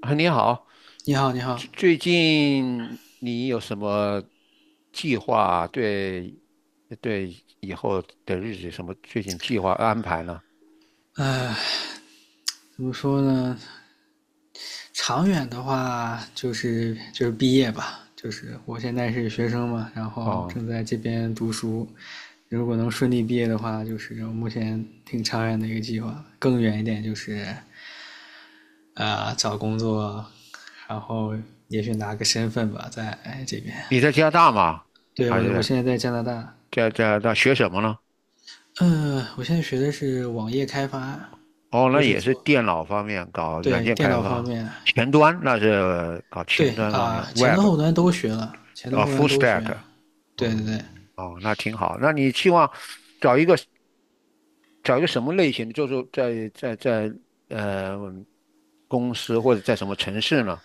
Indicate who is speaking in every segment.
Speaker 1: 啊，你好，
Speaker 2: 你好，你好。
Speaker 1: 最近你有什么计划？对，对以后的日子什么最近计划安排呢？
Speaker 2: 怎么说呢？长远的话，就是毕业吧，就是我现在是学生嘛，然后
Speaker 1: 哦，
Speaker 2: 正在这边读书。如果能顺利毕业的话，就是我目前挺长远的一个计划。更远一点就是，找工作，然后也许拿个身份吧，在这边。
Speaker 1: 你在加拿大吗？
Speaker 2: 对，
Speaker 1: 还
Speaker 2: 我
Speaker 1: 是
Speaker 2: 现在在加拿大。
Speaker 1: 在大学什么呢？
Speaker 2: 嗯，我现在学的是网页开发，
Speaker 1: 哦，那
Speaker 2: 就是
Speaker 1: 也是
Speaker 2: 做
Speaker 1: 电脑方面搞软
Speaker 2: 对，
Speaker 1: 件
Speaker 2: 电
Speaker 1: 开
Speaker 2: 脑方
Speaker 1: 发，
Speaker 2: 面。
Speaker 1: 前端那是搞
Speaker 2: 对
Speaker 1: 前端方
Speaker 2: 啊、
Speaker 1: 面
Speaker 2: 前
Speaker 1: ，Web
Speaker 2: 端后端都学了，前端
Speaker 1: 啊
Speaker 2: 后端
Speaker 1: ，Full
Speaker 2: 都学。
Speaker 1: Stack。哦
Speaker 2: 对对对。
Speaker 1: 哦，那挺好。那你希望找一个？找一个什么类型的，就是在呃公司或者在什么城市呢？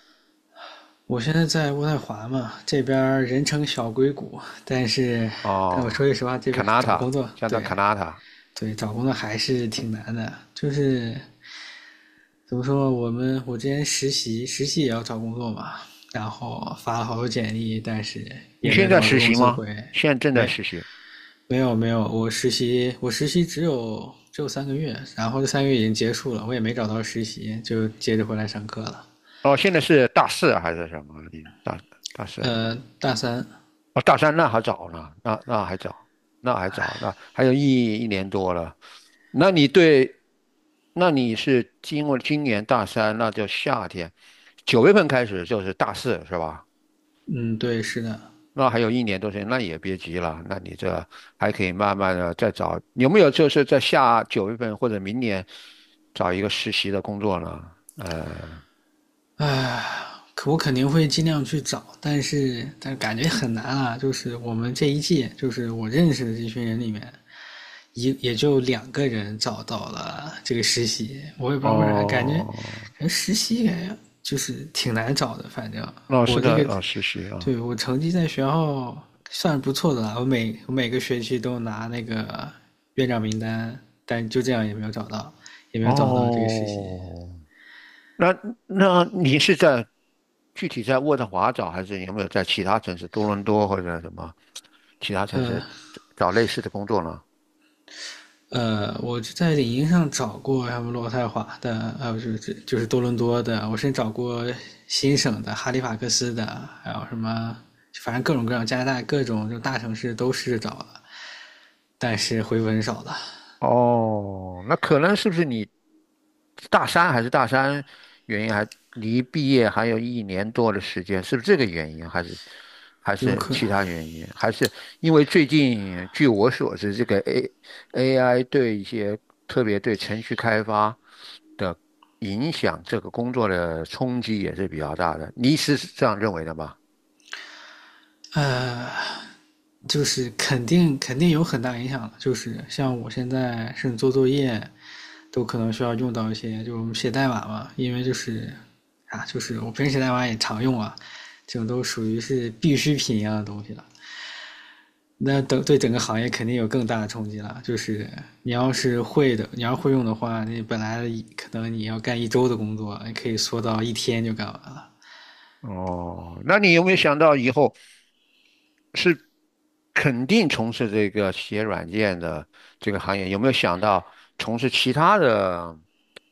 Speaker 2: 我现在在渥太华嘛，这边儿人称小硅谷。但是，但我
Speaker 1: 哦
Speaker 2: 说句实话，这
Speaker 1: c a
Speaker 2: 边儿
Speaker 1: n a t
Speaker 2: 找
Speaker 1: a
Speaker 2: 工作，
Speaker 1: 加拿大
Speaker 2: 对
Speaker 1: c a n a t a
Speaker 2: 对，找工作还是挺难的。就是怎么说，我之前实习，实习也要找工作嘛，然后发了好多简历，但是
Speaker 1: 你
Speaker 2: 也没
Speaker 1: 现
Speaker 2: 有多
Speaker 1: 在
Speaker 2: 少个
Speaker 1: 实
Speaker 2: 公
Speaker 1: 习
Speaker 2: 司
Speaker 1: 吗？
Speaker 2: 会。
Speaker 1: 现在正在
Speaker 2: 没
Speaker 1: 实习。
Speaker 2: 没有，没有，我实习只有三个月，然后这三个月已经结束了，我也没找到实习，就接着回来上课了。
Speaker 1: 哦，现在是大四啊还是什么？大四？
Speaker 2: 大三。
Speaker 1: 哦，大三那还早呢，那还早，那还早，那还有一年多了。那你对，那你是经过今年大三，那就夏天，九月份开始就是大四是吧？
Speaker 2: 嗯，对，是的。
Speaker 1: 那还有一年多时间，那也别急了，那你这还可以慢慢的再找，有没有就是在下九月份或者明年找一个实习的工作呢？
Speaker 2: 可我肯定会尽量去找，但是感觉很难啊，就是我们这一届，就是我认识的这群人里面，也就两个人找到了这个实习。我也不知道为啥，感觉
Speaker 1: 哦，
Speaker 2: 感觉实习感觉就是挺难找的。反正
Speaker 1: 哦，是
Speaker 2: 我这
Speaker 1: 的，
Speaker 2: 个
Speaker 1: 实习啊，
Speaker 2: 对，我成绩在学校算不错的了，我每个学期都拿那个院长名单，但就这样也没有找到，这个实习。
Speaker 1: 哦，那那你是在具体在渥太华找，还是有没有在其他城市，多伦多或者什么其他城市
Speaker 2: 呃
Speaker 1: 找类似的工作呢？
Speaker 2: 我就在领英上找过什么渥太华的，还有就是多伦多的。我甚至找过新省的哈利法克斯的，还有什么，反正各种各样加拿大各种就大城市都试着找了，但是回文少了，
Speaker 1: 哦，那可能是不是你大三原因还离毕业还有一年多的时间，是不是这个原因，还是还
Speaker 2: 丢
Speaker 1: 是
Speaker 2: 课。
Speaker 1: 其他原因，还是因为最近据我所知，这个 AI 对一些特别对程序开发的影响，这个工作的冲击也是比较大的，你是这样认为的吗？
Speaker 2: 就是肯定有很大影响的，就是像我现在甚至做作业，都可能需要用到一些，就是我们写代码嘛，因为就是啊，就是我平时写代码也常用啊，这种都属于是必需品一样的东西了。那等对整个行业肯定有更大的冲击了，就是你要是会的，你要会用的话，你本来可能你要干1周的工作，你可以缩到1天就干完了。
Speaker 1: 哦，那你有没有想到以后？是肯定从事这个写软件的这个行业，有没有想到从事其他的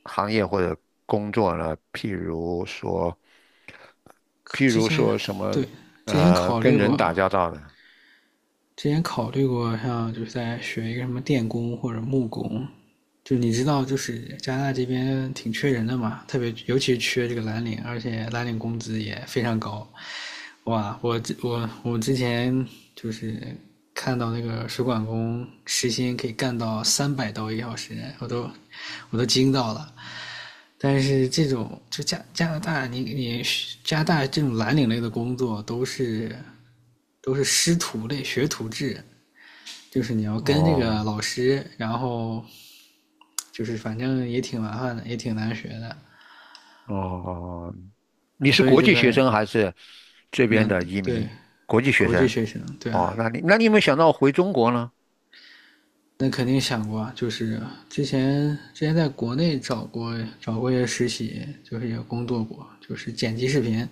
Speaker 1: 行业或者工作呢？譬如说，譬
Speaker 2: 之
Speaker 1: 如
Speaker 2: 前
Speaker 1: 说什么
Speaker 2: 对，之前考
Speaker 1: 跟
Speaker 2: 虑
Speaker 1: 人
Speaker 2: 过，
Speaker 1: 打交道的。
Speaker 2: 之前考虑过，像就是在学一个什么电工或者木工，就你知道，就是加拿大这边挺缺人的嘛，特别尤其是缺这个蓝领，而且蓝领工资也非常高。哇，我之前就是看到那个水管工时薪可以干到300刀1小时，我都惊到了。但是这种就加拿大，你加拿大这种蓝领类的工作都是师徒类、学徒制，就是你要跟这个
Speaker 1: 哦
Speaker 2: 老师，然后就是反正也挺麻烦的，也挺难学的。
Speaker 1: 哦，你是
Speaker 2: 所以
Speaker 1: 国
Speaker 2: 这
Speaker 1: 际学
Speaker 2: 边
Speaker 1: 生还是这边
Speaker 2: 那
Speaker 1: 的移民？
Speaker 2: 对
Speaker 1: 国际学
Speaker 2: 国际
Speaker 1: 生。
Speaker 2: 学生，对
Speaker 1: 哦，
Speaker 2: 啊。
Speaker 1: 那你有没有想到回中国呢？
Speaker 2: 那肯定想过啊，就是之前在国内找过一些实习，就是也工作过，就是剪辑视频。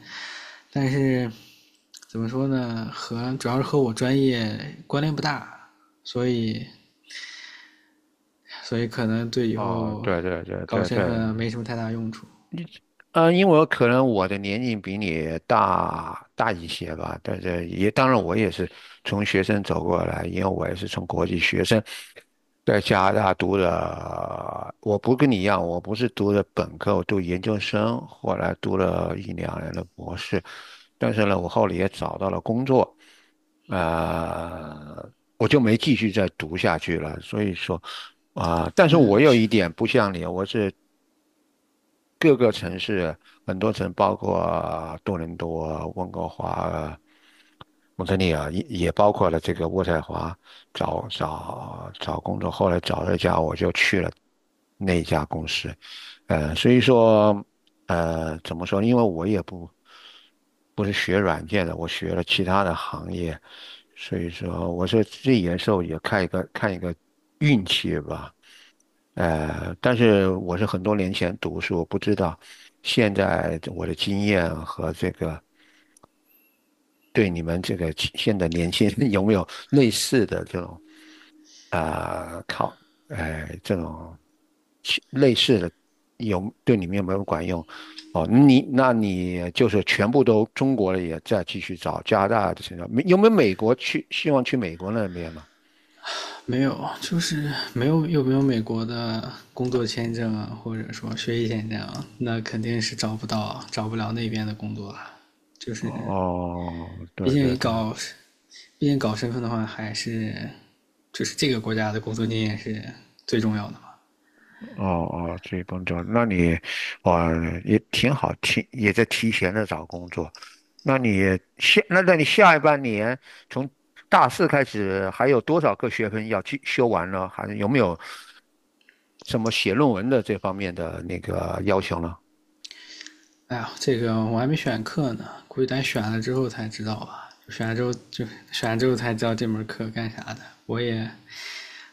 Speaker 2: 但是怎么说呢，主要是和我专业关联不大，所以所以可能对以
Speaker 1: 哦，
Speaker 2: 后
Speaker 1: 对对对
Speaker 2: 搞
Speaker 1: 对
Speaker 2: 身
Speaker 1: 对，
Speaker 2: 份没什么太大用处。
Speaker 1: 因为我可能我的年龄比你大一些吧，但是也当然我也是从学生走过来，因为我也是从国际学生在加拿大读的，我不跟你一样，我不是读的本科，我读研究生，后来读了一两年的博士，但是呢，我后来也找到了工作，呃，我就没继续再读下去了，所以说。但是
Speaker 2: 那
Speaker 1: 我有
Speaker 2: 去
Speaker 1: 一点不像你，我是各个城市，很多城包括多伦多、温哥华、蒙特利尔，也包括了这个渥太华。找工作，后来找了一家，我就去了那一家公司。所以说，怎么说呢因为我也不是学软件的，我学了其他的行业，所以说，我说这有时候也看一个运气吧。但是我是很多年前读，书，我不知道现在我的经验和这个对你们这个现在年轻人 有没有类似的这种啊、考，这种类的有对你们有没有管用？哦，你就是全部都中国的也在继续找加拿大的现在，没有美国去希望去美国那边了？
Speaker 2: 没有，就是没有美国的工作签证啊，或者说学习签证啊，那肯定是找不到，找不了那边的工作啊。就是，
Speaker 1: 哦，
Speaker 2: 毕
Speaker 1: 对
Speaker 2: 竟
Speaker 1: 对
Speaker 2: 你
Speaker 1: 对，
Speaker 2: 搞，毕竟搞身份的话，还是就是这个国家的工作经验是最重要的嘛。
Speaker 1: 哦哦，这己工作，那你哦也挺好，也在提前的找工作。那你下一半年从大四开始，还有多少个学分要去修完呢？还有没有什么写论文的这方面的那个要求呢？
Speaker 2: 哎呀，这个我还没选课呢，估计咱选了之后才知道吧。选了之后才知道这门课干啥的。我也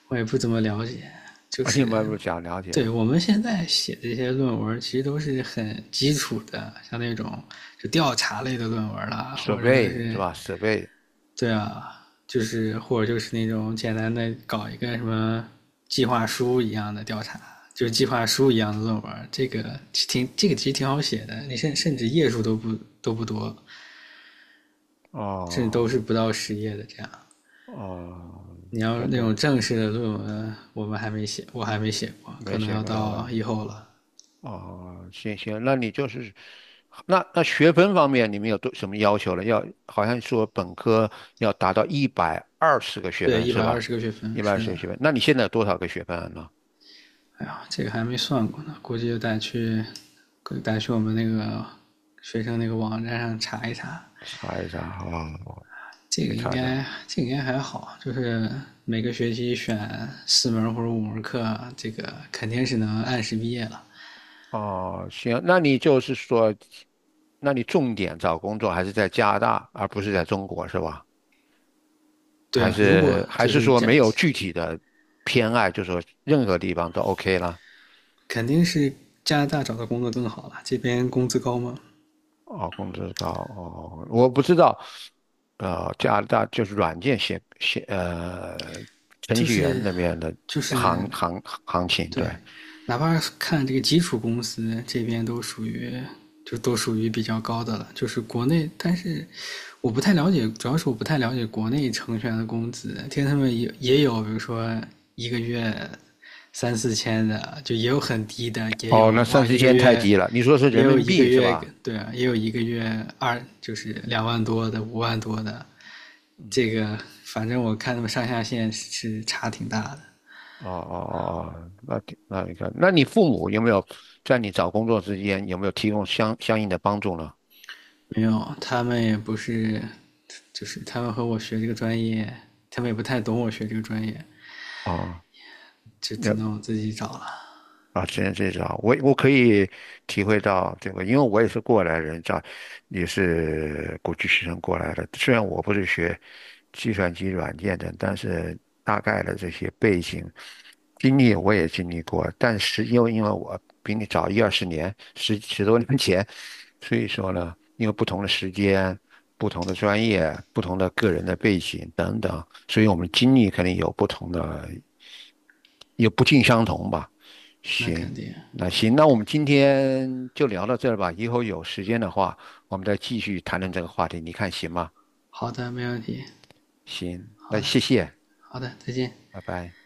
Speaker 2: 我也不怎么了解，就
Speaker 1: 而且有
Speaker 2: 是
Speaker 1: 没有想了解
Speaker 2: 对。
Speaker 1: 啊？
Speaker 2: 我们现在写这些论文，其实都是很基础的，像那种就调查类的论文啦，
Speaker 1: 设
Speaker 2: 或者就
Speaker 1: 备是
Speaker 2: 是
Speaker 1: 吧？设备
Speaker 2: 对啊，就是或者就是那种简单的搞一个什么计划书一样的调查，就是计划书一样的论文。这个挺这个其实挺好写的，你甚至页数都不多，甚至都
Speaker 1: 哦
Speaker 2: 是不到10页的这样。
Speaker 1: 哦，
Speaker 2: 你要
Speaker 1: 对
Speaker 2: 那
Speaker 1: 对，
Speaker 2: 种正式的论文，我们还没写，我还没写过，可
Speaker 1: 没
Speaker 2: 能
Speaker 1: 写
Speaker 2: 要
Speaker 1: 过论
Speaker 2: 到
Speaker 1: 文
Speaker 2: 以后
Speaker 1: 啊。
Speaker 2: 了。
Speaker 1: 哦，行行，那你就是，那学分方面你们有多什么要求了？要好像说本科要达到一百二十个学
Speaker 2: 对，
Speaker 1: 分
Speaker 2: 一
Speaker 1: 是
Speaker 2: 百二
Speaker 1: 吧？
Speaker 2: 十个学
Speaker 1: 一
Speaker 2: 分，
Speaker 1: 百二
Speaker 2: 是
Speaker 1: 十个学
Speaker 2: 的。
Speaker 1: 分，那你现在有多少个学分了呢？
Speaker 2: 哎呀，这个还没算过呢，估计就得去我们那个学生那个网站上查一查。
Speaker 1: 查一查啊，哦去查一查。
Speaker 2: 这个应该还好，就是每个学期选四门或者五门课，这个肯定是能按时毕业了。
Speaker 1: 哦，行，那你就是说，那你重点找工作还是在加拿大，而不是在中国是吧？
Speaker 2: 对
Speaker 1: 还
Speaker 2: 啊。如果
Speaker 1: 是还
Speaker 2: 就
Speaker 1: 是
Speaker 2: 是
Speaker 1: 说
Speaker 2: 这，
Speaker 1: 没有具体的偏爱，就是说任何地方都 OK 了？
Speaker 2: 肯定是加拿大找的工作更好了，这边工资高吗？
Speaker 1: 哦，工资高哦，我不知道，加拿大就是软件写程
Speaker 2: 就
Speaker 1: 序员
Speaker 2: 是，
Speaker 1: 那边的
Speaker 2: 就是
Speaker 1: 行情，对，
Speaker 2: 对，哪怕看这个基础公司这边都属于，比较高的了，就是国内，但是我不太了解，主要是我不太了解国内程序员的工资。听他们也有，比如说一个月三四千的，就也有很低的，也
Speaker 1: 哦，
Speaker 2: 有，
Speaker 1: 那三
Speaker 2: 哇，
Speaker 1: 四
Speaker 2: 一个
Speaker 1: 千太
Speaker 2: 月，
Speaker 1: 低了，你说是人
Speaker 2: 也有
Speaker 1: 民
Speaker 2: 一个
Speaker 1: 币是
Speaker 2: 月，
Speaker 1: 吧？
Speaker 2: 对啊，也有一个月就是2万多的、5万多的。
Speaker 1: 嗯，
Speaker 2: 这个反正我看他们上下限是差挺大的。
Speaker 1: 哦哦哦哦，那挺那你看，那你父母有没有在你找工作之间有没有提供相应的帮助呢？
Speaker 2: 没有，他们也不是，就是他们和我学这个专业，他们也不太懂我学这个专业，
Speaker 1: 哦
Speaker 2: 就只能我自己找了。
Speaker 1: 啊，只能这种，我可以体会到这个，因为我也是过来人，这样也是国际学生过来的。虽然我不是学计算机软件的，但是大概的这些背景经历我也经历过。但是因为我比你早一二十年，十多年前，所以说呢，因为不同的时间、不同的专业、不同的个人的背景等等，所以我们经历肯定有不同的，也不尽相同吧。
Speaker 2: 那
Speaker 1: 行，
Speaker 2: 肯定。
Speaker 1: 那行，那我们今天就聊到这儿吧。以后有时间的话，我们再继续谈论这个话题，你看行吗？
Speaker 2: 好的，没问题。
Speaker 1: 行，那
Speaker 2: 好的。
Speaker 1: 谢谢，
Speaker 2: 好的，再见。
Speaker 1: 拜拜。